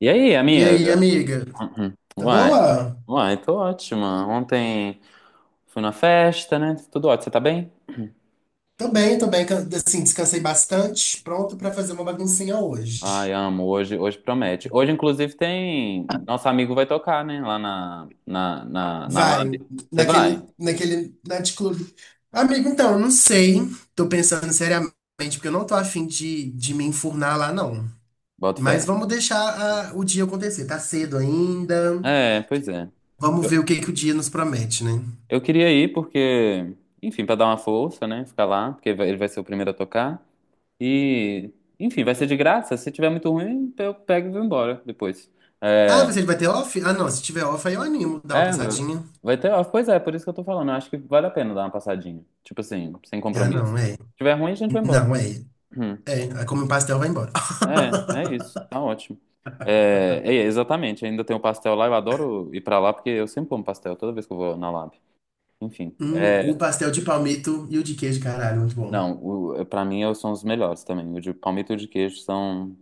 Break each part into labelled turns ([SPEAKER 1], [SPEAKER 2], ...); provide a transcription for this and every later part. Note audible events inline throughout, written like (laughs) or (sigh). [SPEAKER 1] E aí,
[SPEAKER 2] E aí,
[SPEAKER 1] amiga?
[SPEAKER 2] amiga?
[SPEAKER 1] Uhum.
[SPEAKER 2] Tá
[SPEAKER 1] Uai,
[SPEAKER 2] boa?
[SPEAKER 1] uai, tô ótima. Ontem fui na festa, né? Tudo ótimo. Você tá bem?
[SPEAKER 2] Tô bem, tô bem. Assim, descansei bastante. Pronto pra fazer uma baguncinha
[SPEAKER 1] Ai,
[SPEAKER 2] hoje.
[SPEAKER 1] amo. Hoje promete. Hoje, inclusive, tem. Nosso amigo vai tocar, né? Lá na Lab.
[SPEAKER 2] Vai,
[SPEAKER 1] Você vai?
[SPEAKER 2] naquele night club. Amigo, então, eu não sei. Tô pensando seriamente, porque eu não tô afim de me enfurnar lá, não.
[SPEAKER 1] Bota fé.
[SPEAKER 2] Mas vamos deixar o dia acontecer. Tá cedo ainda.
[SPEAKER 1] É, pois é.
[SPEAKER 2] Vamos ver o
[SPEAKER 1] Eu,
[SPEAKER 2] que que o dia nos promete, né?
[SPEAKER 1] eu queria ir porque, enfim, pra dar uma força, né? Ficar lá, porque ele vai ser o primeiro a tocar. E, enfim, vai ser de graça. Se tiver muito ruim, eu pego e vou embora depois.
[SPEAKER 2] Ah,
[SPEAKER 1] É,
[SPEAKER 2] você vai ter off? Ah, não. Se tiver off, aí eu animo. Dá uma
[SPEAKER 1] é, vai
[SPEAKER 2] passadinha.
[SPEAKER 1] vai ter. Pois é, por isso que eu tô falando. Eu acho que vale a pena dar uma passadinha. Tipo assim, sem
[SPEAKER 2] Ah,
[SPEAKER 1] compromisso.
[SPEAKER 2] não, é.
[SPEAKER 1] Se tiver ruim, a gente vai
[SPEAKER 2] Não,
[SPEAKER 1] embora.
[SPEAKER 2] é.
[SPEAKER 1] Hum.
[SPEAKER 2] É, aí come um pastel, e vai embora.
[SPEAKER 1] É, é
[SPEAKER 2] (laughs)
[SPEAKER 1] isso. Tá ótimo. É, é, exatamente. Ainda tem o pastel lá. Eu adoro ir pra lá porque eu sempre como pastel toda vez que eu vou na Lab. Enfim.
[SPEAKER 2] O
[SPEAKER 1] É,
[SPEAKER 2] pastel de palmito e o de queijo, caralho, muito bom.
[SPEAKER 1] não, o, pra mim são os melhores também. O de palmito e o de queijo são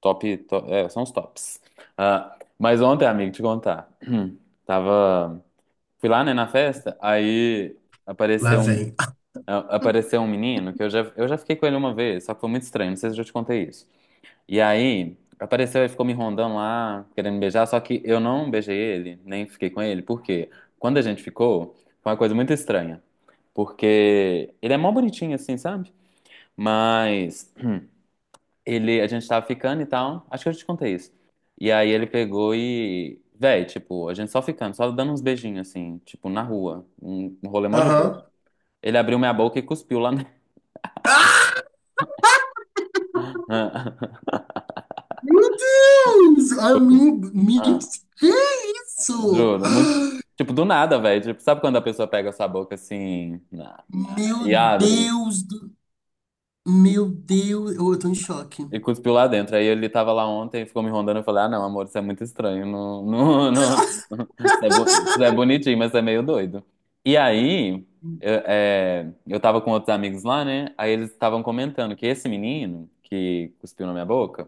[SPEAKER 1] top. É, são os tops. Ah, mas ontem, amigo, te contar. (clears throat) Tava. Fui lá, né, na festa. Aí.
[SPEAKER 2] Lá
[SPEAKER 1] Apareceu um
[SPEAKER 2] vem.
[SPEAKER 1] Apareceu um menino que eu já fiquei com ele uma vez, só que foi muito estranho, não sei se eu já te contei isso. E aí, apareceu e ficou me rondando lá, querendo me beijar, só que eu não beijei ele, nem fiquei com ele, porque quando a gente ficou, foi uma coisa muito estranha. Porque ele é mó bonitinho assim, sabe? Mas ele, a gente tava ficando e tal, acho que eu já te contei isso. E aí ele pegou e, véi, tipo, a gente só ficando, só dando uns beijinhos assim, tipo, na rua, um rolê mó de boa.
[SPEAKER 2] Aham.
[SPEAKER 1] Ele abriu minha boca e cuspiu lá na...
[SPEAKER 2] Ah, meu Deus!
[SPEAKER 1] (laughs)
[SPEAKER 2] Amigo,
[SPEAKER 1] Ah,
[SPEAKER 2] que isso?
[SPEAKER 1] juro, muito. Tipo, do nada, velho. Tipo, sabe quando a pessoa pega essa boca assim
[SPEAKER 2] Meu
[SPEAKER 1] e abre
[SPEAKER 2] Deus do...
[SPEAKER 1] e,
[SPEAKER 2] Meu Deus, eu tô em choque.
[SPEAKER 1] e cuspiu lá dentro? Aí ele tava lá ontem e ficou me rondando. Eu falei, ah, não, amor, isso é muito estranho. Não, não, não. (laughs) Isso é, isso é bonitinho, mas é meio doido. E aí, eu, é, eu tava com outros amigos lá, né? Aí eles estavam comentando que esse menino que cuspiu na minha boca,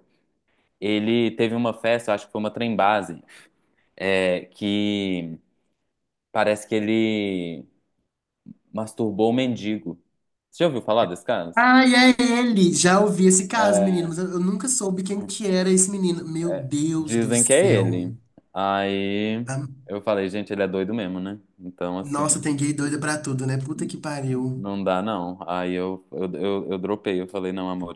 [SPEAKER 1] ele teve uma festa, eu acho que foi uma trem base, é, que parece que ele. Masturbou o mendigo. Você já ouviu falar desse caso?
[SPEAKER 2] Ai, é ele! Já ouvi esse caso, menino,
[SPEAKER 1] É,
[SPEAKER 2] mas eu nunca soube quem que era esse menino. Meu
[SPEAKER 1] é,
[SPEAKER 2] Deus do
[SPEAKER 1] dizem que é
[SPEAKER 2] céu.
[SPEAKER 1] ele. Aí
[SPEAKER 2] Ah,
[SPEAKER 1] eu falei, gente, ele é doido mesmo, né? Então,
[SPEAKER 2] Nossa,
[SPEAKER 1] assim,
[SPEAKER 2] tem gay doida pra tudo, né? Puta
[SPEAKER 1] n-
[SPEAKER 2] que pariu.
[SPEAKER 1] não dá não. Aí eu dropei, eu falei, não, amor,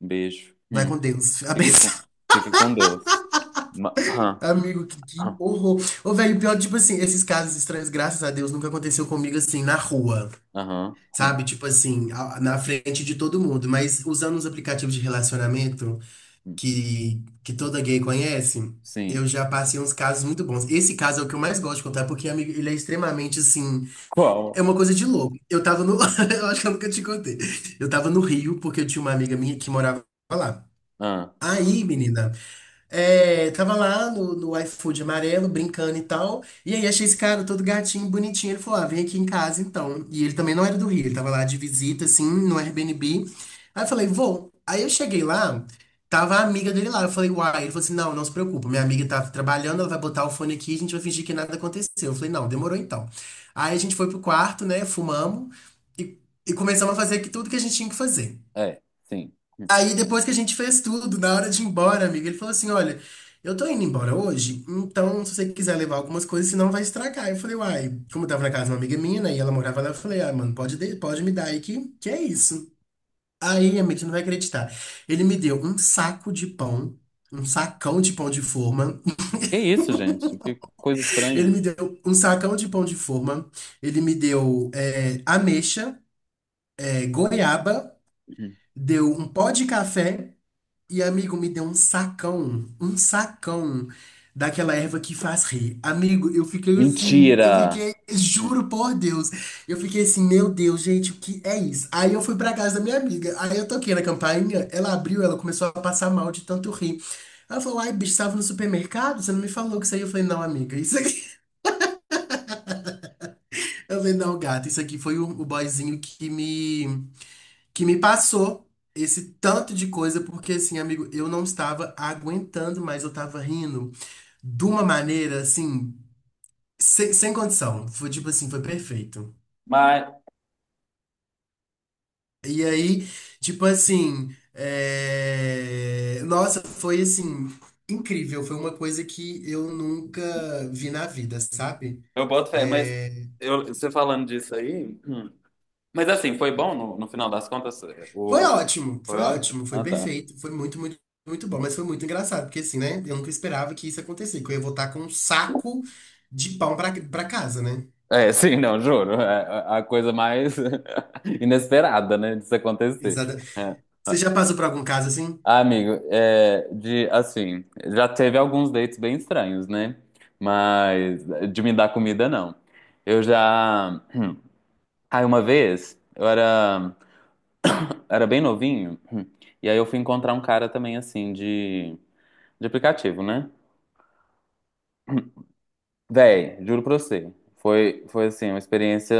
[SPEAKER 1] beijo.
[SPEAKER 2] Vai com Deus. (laughs)
[SPEAKER 1] Fica com,
[SPEAKER 2] Abençoe.
[SPEAKER 1] fica com Deus. Aham,
[SPEAKER 2] Amigo, que
[SPEAKER 1] aham,
[SPEAKER 2] horror. Ô, velho, pior, tipo assim, esses casos estranhos, graças a Deus, nunca aconteceu comigo assim, na rua.
[SPEAKER 1] aham,
[SPEAKER 2] Sabe? Tipo assim, na frente de todo mundo. Mas usando os aplicativos de relacionamento
[SPEAKER 1] hum.
[SPEAKER 2] que toda gay conhece, eu
[SPEAKER 1] Sim.
[SPEAKER 2] já passei uns casos muito bons. Esse caso é o que eu mais gosto de contar, porque, amigo, ele é extremamente assim. É
[SPEAKER 1] Qual?
[SPEAKER 2] uma coisa de louco. Eu tava no. (laughs) Eu acho que eu nunca te contei. Eu tava no Rio, porque eu tinha uma amiga minha que morava lá.
[SPEAKER 1] Ah,
[SPEAKER 2] Aí, menina. É, tava lá no, no iFood amarelo, brincando e tal. E aí achei esse cara todo gatinho, bonitinho. Ele falou: ah, vem aqui em casa então. E ele também não era do Rio, ele tava lá de visita, assim, no Airbnb. Aí eu falei: vou. Aí eu cheguei lá, tava a amiga dele lá. Eu falei: uai. Ele falou assim: não, não se preocupa, minha amiga tá trabalhando, ela vai botar o fone aqui, a gente vai fingir que nada aconteceu. Eu falei: não, demorou então. Aí a gente foi pro quarto, né, fumamos e, e começamos a fazer aqui tudo que a gente tinha que fazer.
[SPEAKER 1] é, sim. Hum.
[SPEAKER 2] Aí depois que a gente fez tudo, na hora de ir embora, amigo, ele falou assim: olha, eu tô indo embora hoje, então se você quiser levar algumas coisas, senão vai estragar. Eu falei, uai, como eu tava na casa de uma amiga minha, né, e ela morava lá, eu falei, ah, mano, pode, pode me dar aí que é isso. Aí, amigo, você não vai acreditar. Ele me deu um saco de pão, um sacão de pão de forma.
[SPEAKER 1] Que isso, gente? Que coisa
[SPEAKER 2] (laughs) Ele
[SPEAKER 1] estranha.
[SPEAKER 2] me deu um sacão de pão de forma. Ele me deu é, ameixa, é, goiaba,
[SPEAKER 1] Hum.
[SPEAKER 2] deu um pó de café. E amigo, me deu um sacão daquela erva que faz rir. Amigo, eu fiquei assim, eu
[SPEAKER 1] Mentira!
[SPEAKER 2] fiquei,
[SPEAKER 1] Hum.
[SPEAKER 2] juro por Deus, eu fiquei assim, meu Deus, gente, o que é isso? Aí eu fui pra casa da minha amiga, aí eu toquei na campainha, ela abriu, ela começou a passar mal de tanto rir. Ela falou, ai, bicho, estava no supermercado? Você não me falou que isso aí? Eu falei, não, amiga, isso aqui. (laughs) Eu falei, não, gata, isso aqui foi o boyzinho que me. Que me passou esse tanto de coisa, porque assim, amigo, eu não estava aguentando mais, eu tava rindo de uma maneira assim, sem condição. Foi tipo assim, foi perfeito.
[SPEAKER 1] Mas.
[SPEAKER 2] E aí, tipo assim, é, nossa, foi assim, incrível. Foi uma coisa que eu nunca vi na vida, sabe?
[SPEAKER 1] Eu boto fé, mas
[SPEAKER 2] Eh,
[SPEAKER 1] eu, você falando disso aí. hum. Mas assim, foi bom no, no final das contas?
[SPEAKER 2] foi
[SPEAKER 1] O,
[SPEAKER 2] ótimo,
[SPEAKER 1] foi
[SPEAKER 2] foi
[SPEAKER 1] ótimo?
[SPEAKER 2] ótimo, foi
[SPEAKER 1] Ah, tá.
[SPEAKER 2] perfeito, foi muito, muito, muito bom, mas foi muito engraçado, porque assim, né? Eu nunca esperava que isso acontecesse, que eu ia voltar com um saco de pão pra casa, né?
[SPEAKER 1] É, (laughs) sim, não, juro. É a coisa mais (laughs) inesperada, né, disso acontecer.
[SPEAKER 2] Exato.
[SPEAKER 1] É.
[SPEAKER 2] Você já passou por algum caso assim?
[SPEAKER 1] Ah, amigo, é, de assim, já teve alguns dates bem estranhos, né? Mas de me dar comida, não. Eu já. (clears throat) Aí uma vez, era bem novinho, (clears throat) e aí eu fui encontrar um cara também, assim, de. De aplicativo, né? Véi, juro pra você. Foi assim, uma experiência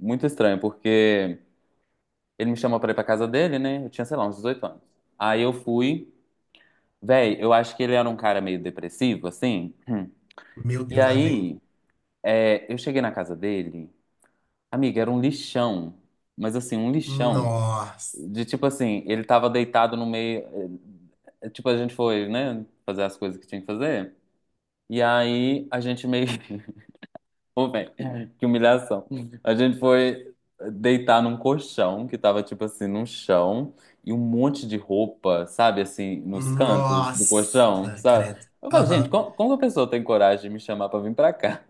[SPEAKER 1] muito estranha, porque ele me chamou pra ir pra casa dele, né? Eu tinha, sei lá, uns 18 anos. Aí eu fui. Véi, eu acho que ele era um cara meio depressivo, assim. (clears throat)
[SPEAKER 2] Meu
[SPEAKER 1] E
[SPEAKER 2] Deus, lá vem.
[SPEAKER 1] aí, é, eu cheguei na casa dele. Amiga, era um lixão. Mas assim, um lixão.
[SPEAKER 2] Nossa,
[SPEAKER 1] De tipo assim, ele tava deitado no meio. Tipo, a gente foi, né? Fazer as coisas que tinha que fazer. E aí, a gente meio (laughs) Ô, velho, (laughs) que humilhação. A gente foi deitar num colchão que tava, tipo assim, num chão e um monte de roupa, sabe, assim, nos cantos do
[SPEAKER 2] nossa,
[SPEAKER 1] colchão, sabe?
[SPEAKER 2] credo.
[SPEAKER 1] Eu falei, gente,
[SPEAKER 2] Aham,
[SPEAKER 1] como, como que a pessoa tem coragem de me chamar pra vir pra cá?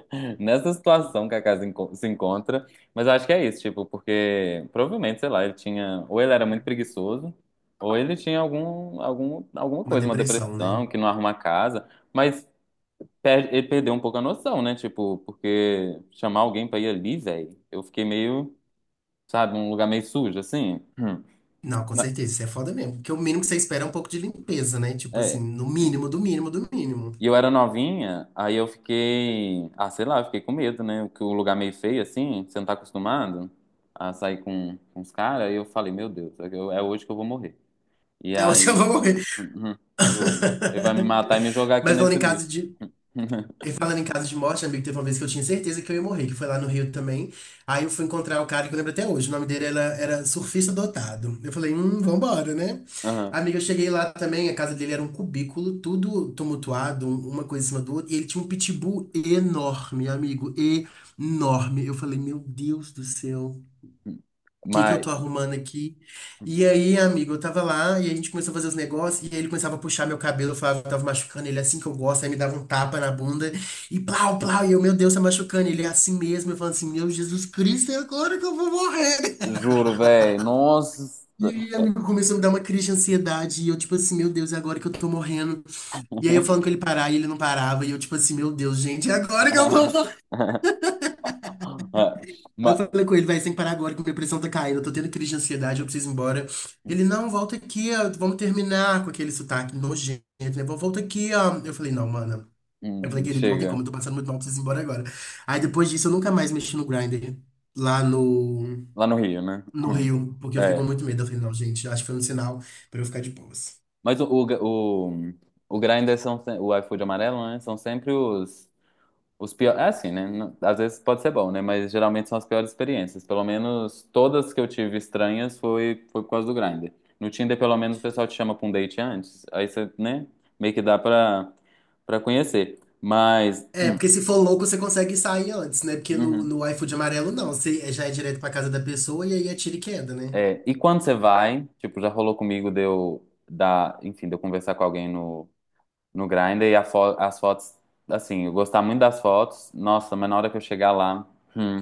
[SPEAKER 1] (laughs) Nessa situação que a casa se encontra. Mas eu acho que é isso, tipo, porque provavelmente, sei lá, ele tinha. Ou ele era muito preguiçoso, ou ele tinha algum, algum, alguma
[SPEAKER 2] uma
[SPEAKER 1] coisa, uma
[SPEAKER 2] depressão, né?
[SPEAKER 1] depressão, que não arruma a casa. Mas ele perdeu um pouco a noção, né? Tipo, porque chamar alguém pra ir ali, velho, eu fiquei meio, sabe, um lugar meio sujo, assim. Hum.
[SPEAKER 2] Não, com
[SPEAKER 1] Ma-
[SPEAKER 2] certeza, isso é foda mesmo, porque o mínimo que você espera é um pouco de limpeza, né? Tipo assim,
[SPEAKER 1] É.
[SPEAKER 2] no mínimo, do mínimo, do mínimo.
[SPEAKER 1] E eu era novinha, aí eu fiquei, ah, sei lá, eu fiquei com medo, né? Que o lugar meio feio, assim, você não tá acostumado a sair com os caras, aí eu falei, meu Deus, é que é hoje que eu vou morrer. E
[SPEAKER 2] É onde eu
[SPEAKER 1] aí,
[SPEAKER 2] vou morrer.
[SPEAKER 1] uhum, juro, ele vai me
[SPEAKER 2] (laughs)
[SPEAKER 1] matar e me jogar aqui
[SPEAKER 2] Mas falando
[SPEAKER 1] nesse
[SPEAKER 2] em caso
[SPEAKER 1] lixo.
[SPEAKER 2] de. E
[SPEAKER 1] (laughs)
[SPEAKER 2] falando em casos de morte, amigo, teve uma vez que eu tinha certeza que eu ia morrer, que foi lá no Rio também. Aí eu fui encontrar o cara que eu lembro até hoje, o nome dele era Surfista Dotado. Eu falei, vambora, né?
[SPEAKER 1] Uhum.
[SPEAKER 2] Amiga, eu cheguei lá também, a casa dele era um cubículo, tudo tumultuado, uma coisa em cima do outro, e ele tinha um pitbull enorme, amigo, enorme. Eu falei, meu Deus do céu. O que que eu
[SPEAKER 1] Mas,
[SPEAKER 2] tô arrumando aqui? E aí, amigo, eu tava lá e a gente começou a fazer os negócios e aí ele começava a puxar meu cabelo, eu falava que tava machucando ele assim que eu gosto, aí me dava um tapa na bunda e plau, plau, e eu, meu Deus, tá machucando ele é assim mesmo, eu falando assim, meu Jesus Cristo, é agora que eu vou morrer.
[SPEAKER 1] juro,
[SPEAKER 2] (laughs)
[SPEAKER 1] velho, nossa.
[SPEAKER 2] E amigo começou a me dar uma crise de ansiedade e eu tipo assim, meu Deus, é agora que eu tô morrendo. E aí eu falando que ele parar e ele não parava e eu tipo assim, meu Deus, gente, é agora que eu vou.
[SPEAKER 1] (laughs) Ah,
[SPEAKER 2] Aí eu
[SPEAKER 1] ma-
[SPEAKER 2] falei com ele, vai, sem parar agora que minha pressão tá caindo, eu tô tendo crise de ansiedade, eu preciso ir embora. Ele, não, volta aqui, ó, vamos terminar com aquele sotaque nojento, né? Volta aqui, ó. Eu falei, não, mano. Eu falei, querido, não tem como,
[SPEAKER 1] chega.
[SPEAKER 2] eu tô passando muito mal, eu preciso ir embora agora. Aí depois disso eu nunca mais mexi no Grindr lá
[SPEAKER 1] Lá no Rio, né?
[SPEAKER 2] no Rio, porque eu fiquei com
[SPEAKER 1] É.
[SPEAKER 2] muito medo. Eu falei, não, gente, acho que foi um sinal pra eu ficar de boas.
[SPEAKER 1] Mas o Grindr são, o iFood amarelo, né? São sempre os piores. É assim, né? Às vezes pode ser bom, né? Mas geralmente são as piores experiências. Pelo menos todas que eu tive estranhas foi, foi por causa do Grindr. No Tinder, pelo menos, o pessoal te chama pra um date antes. Aí você, né? Meio que dá pra, pra conhecer. Mas.
[SPEAKER 2] É, porque se for louco, você consegue sair antes, né? Porque
[SPEAKER 1] Uhum.
[SPEAKER 2] no iFood amarelo, não. Você já é direto pra casa da pessoa e aí é tiro e queda, né?
[SPEAKER 1] É, e quando você vai, tipo, já rolou comigo de eu dar, enfim, de eu conversar com alguém no, no Grindr e a as fotos, assim, eu gostar muito das fotos, nossa, mas na hora que eu chegar lá, hum,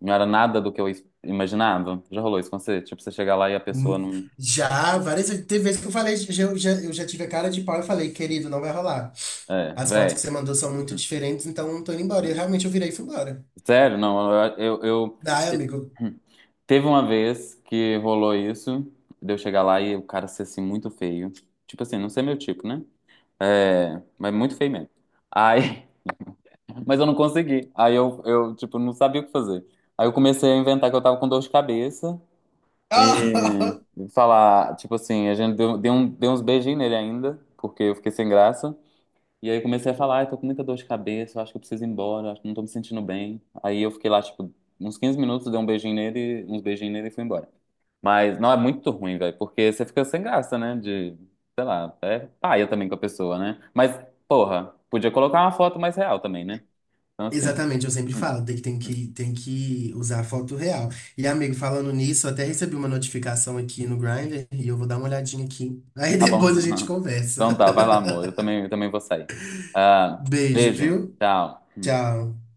[SPEAKER 1] não era nada do que eu imaginava. Já rolou isso com você? Tipo, você chegar lá e a pessoa
[SPEAKER 2] Hum,
[SPEAKER 1] não.
[SPEAKER 2] já, várias vezes. Teve vezes que eu falei, eu já tive a cara de pau e falei, querido, não vai rolar.
[SPEAKER 1] É,
[SPEAKER 2] As fotos que
[SPEAKER 1] véi,
[SPEAKER 2] você mandou são muito diferentes, então eu não tô indo embora. E realmente eu virei e fui embora.
[SPEAKER 1] sério, não, eu, eu, eu-
[SPEAKER 2] Ai, amigo.
[SPEAKER 1] Teve uma vez que rolou isso, de eu chegar lá e o cara ser assim muito feio. Tipo assim, não sei meu tipo, né? É, mas muito feio mesmo. Aí Mas eu não consegui. Aí eu, tipo, não sabia o que fazer. Aí eu comecei a inventar que eu tava com dor de cabeça e
[SPEAKER 2] Ah!
[SPEAKER 1] falar, tipo assim, a gente deu uns beijinhos nele ainda, porque eu fiquei sem graça. E aí comecei a falar, ai, tô com muita dor de cabeça, eu acho que eu preciso ir embora, acho que não tô me sentindo bem. Aí eu fiquei lá, tipo, uns 15 minutos, dei um beijinho nele, uns beijinhos nele e fui embora. Mas não é muito ruim, velho, porque você fica sem graça, né? De, sei lá, é paia também com a pessoa, né? Mas, porra, podia colocar uma foto mais real também, né? Então,
[SPEAKER 2] (laughs)
[SPEAKER 1] assim.
[SPEAKER 2] Exatamente, eu sempre
[SPEAKER 1] Hum,
[SPEAKER 2] falo, tem que usar a foto real. E, amigo, falando nisso, eu até recebi uma notificação aqui no Grindr e eu vou dar uma olhadinha aqui. Aí
[SPEAKER 1] Tá bom.
[SPEAKER 2] depois a gente
[SPEAKER 1] (laughs) Então
[SPEAKER 2] conversa.
[SPEAKER 1] tá, vai lá, amor. Eu também vou sair.
[SPEAKER 2] (laughs)
[SPEAKER 1] Ah,
[SPEAKER 2] Beijo,
[SPEAKER 1] beijo.
[SPEAKER 2] viu?
[SPEAKER 1] Tchau.
[SPEAKER 2] Tchau.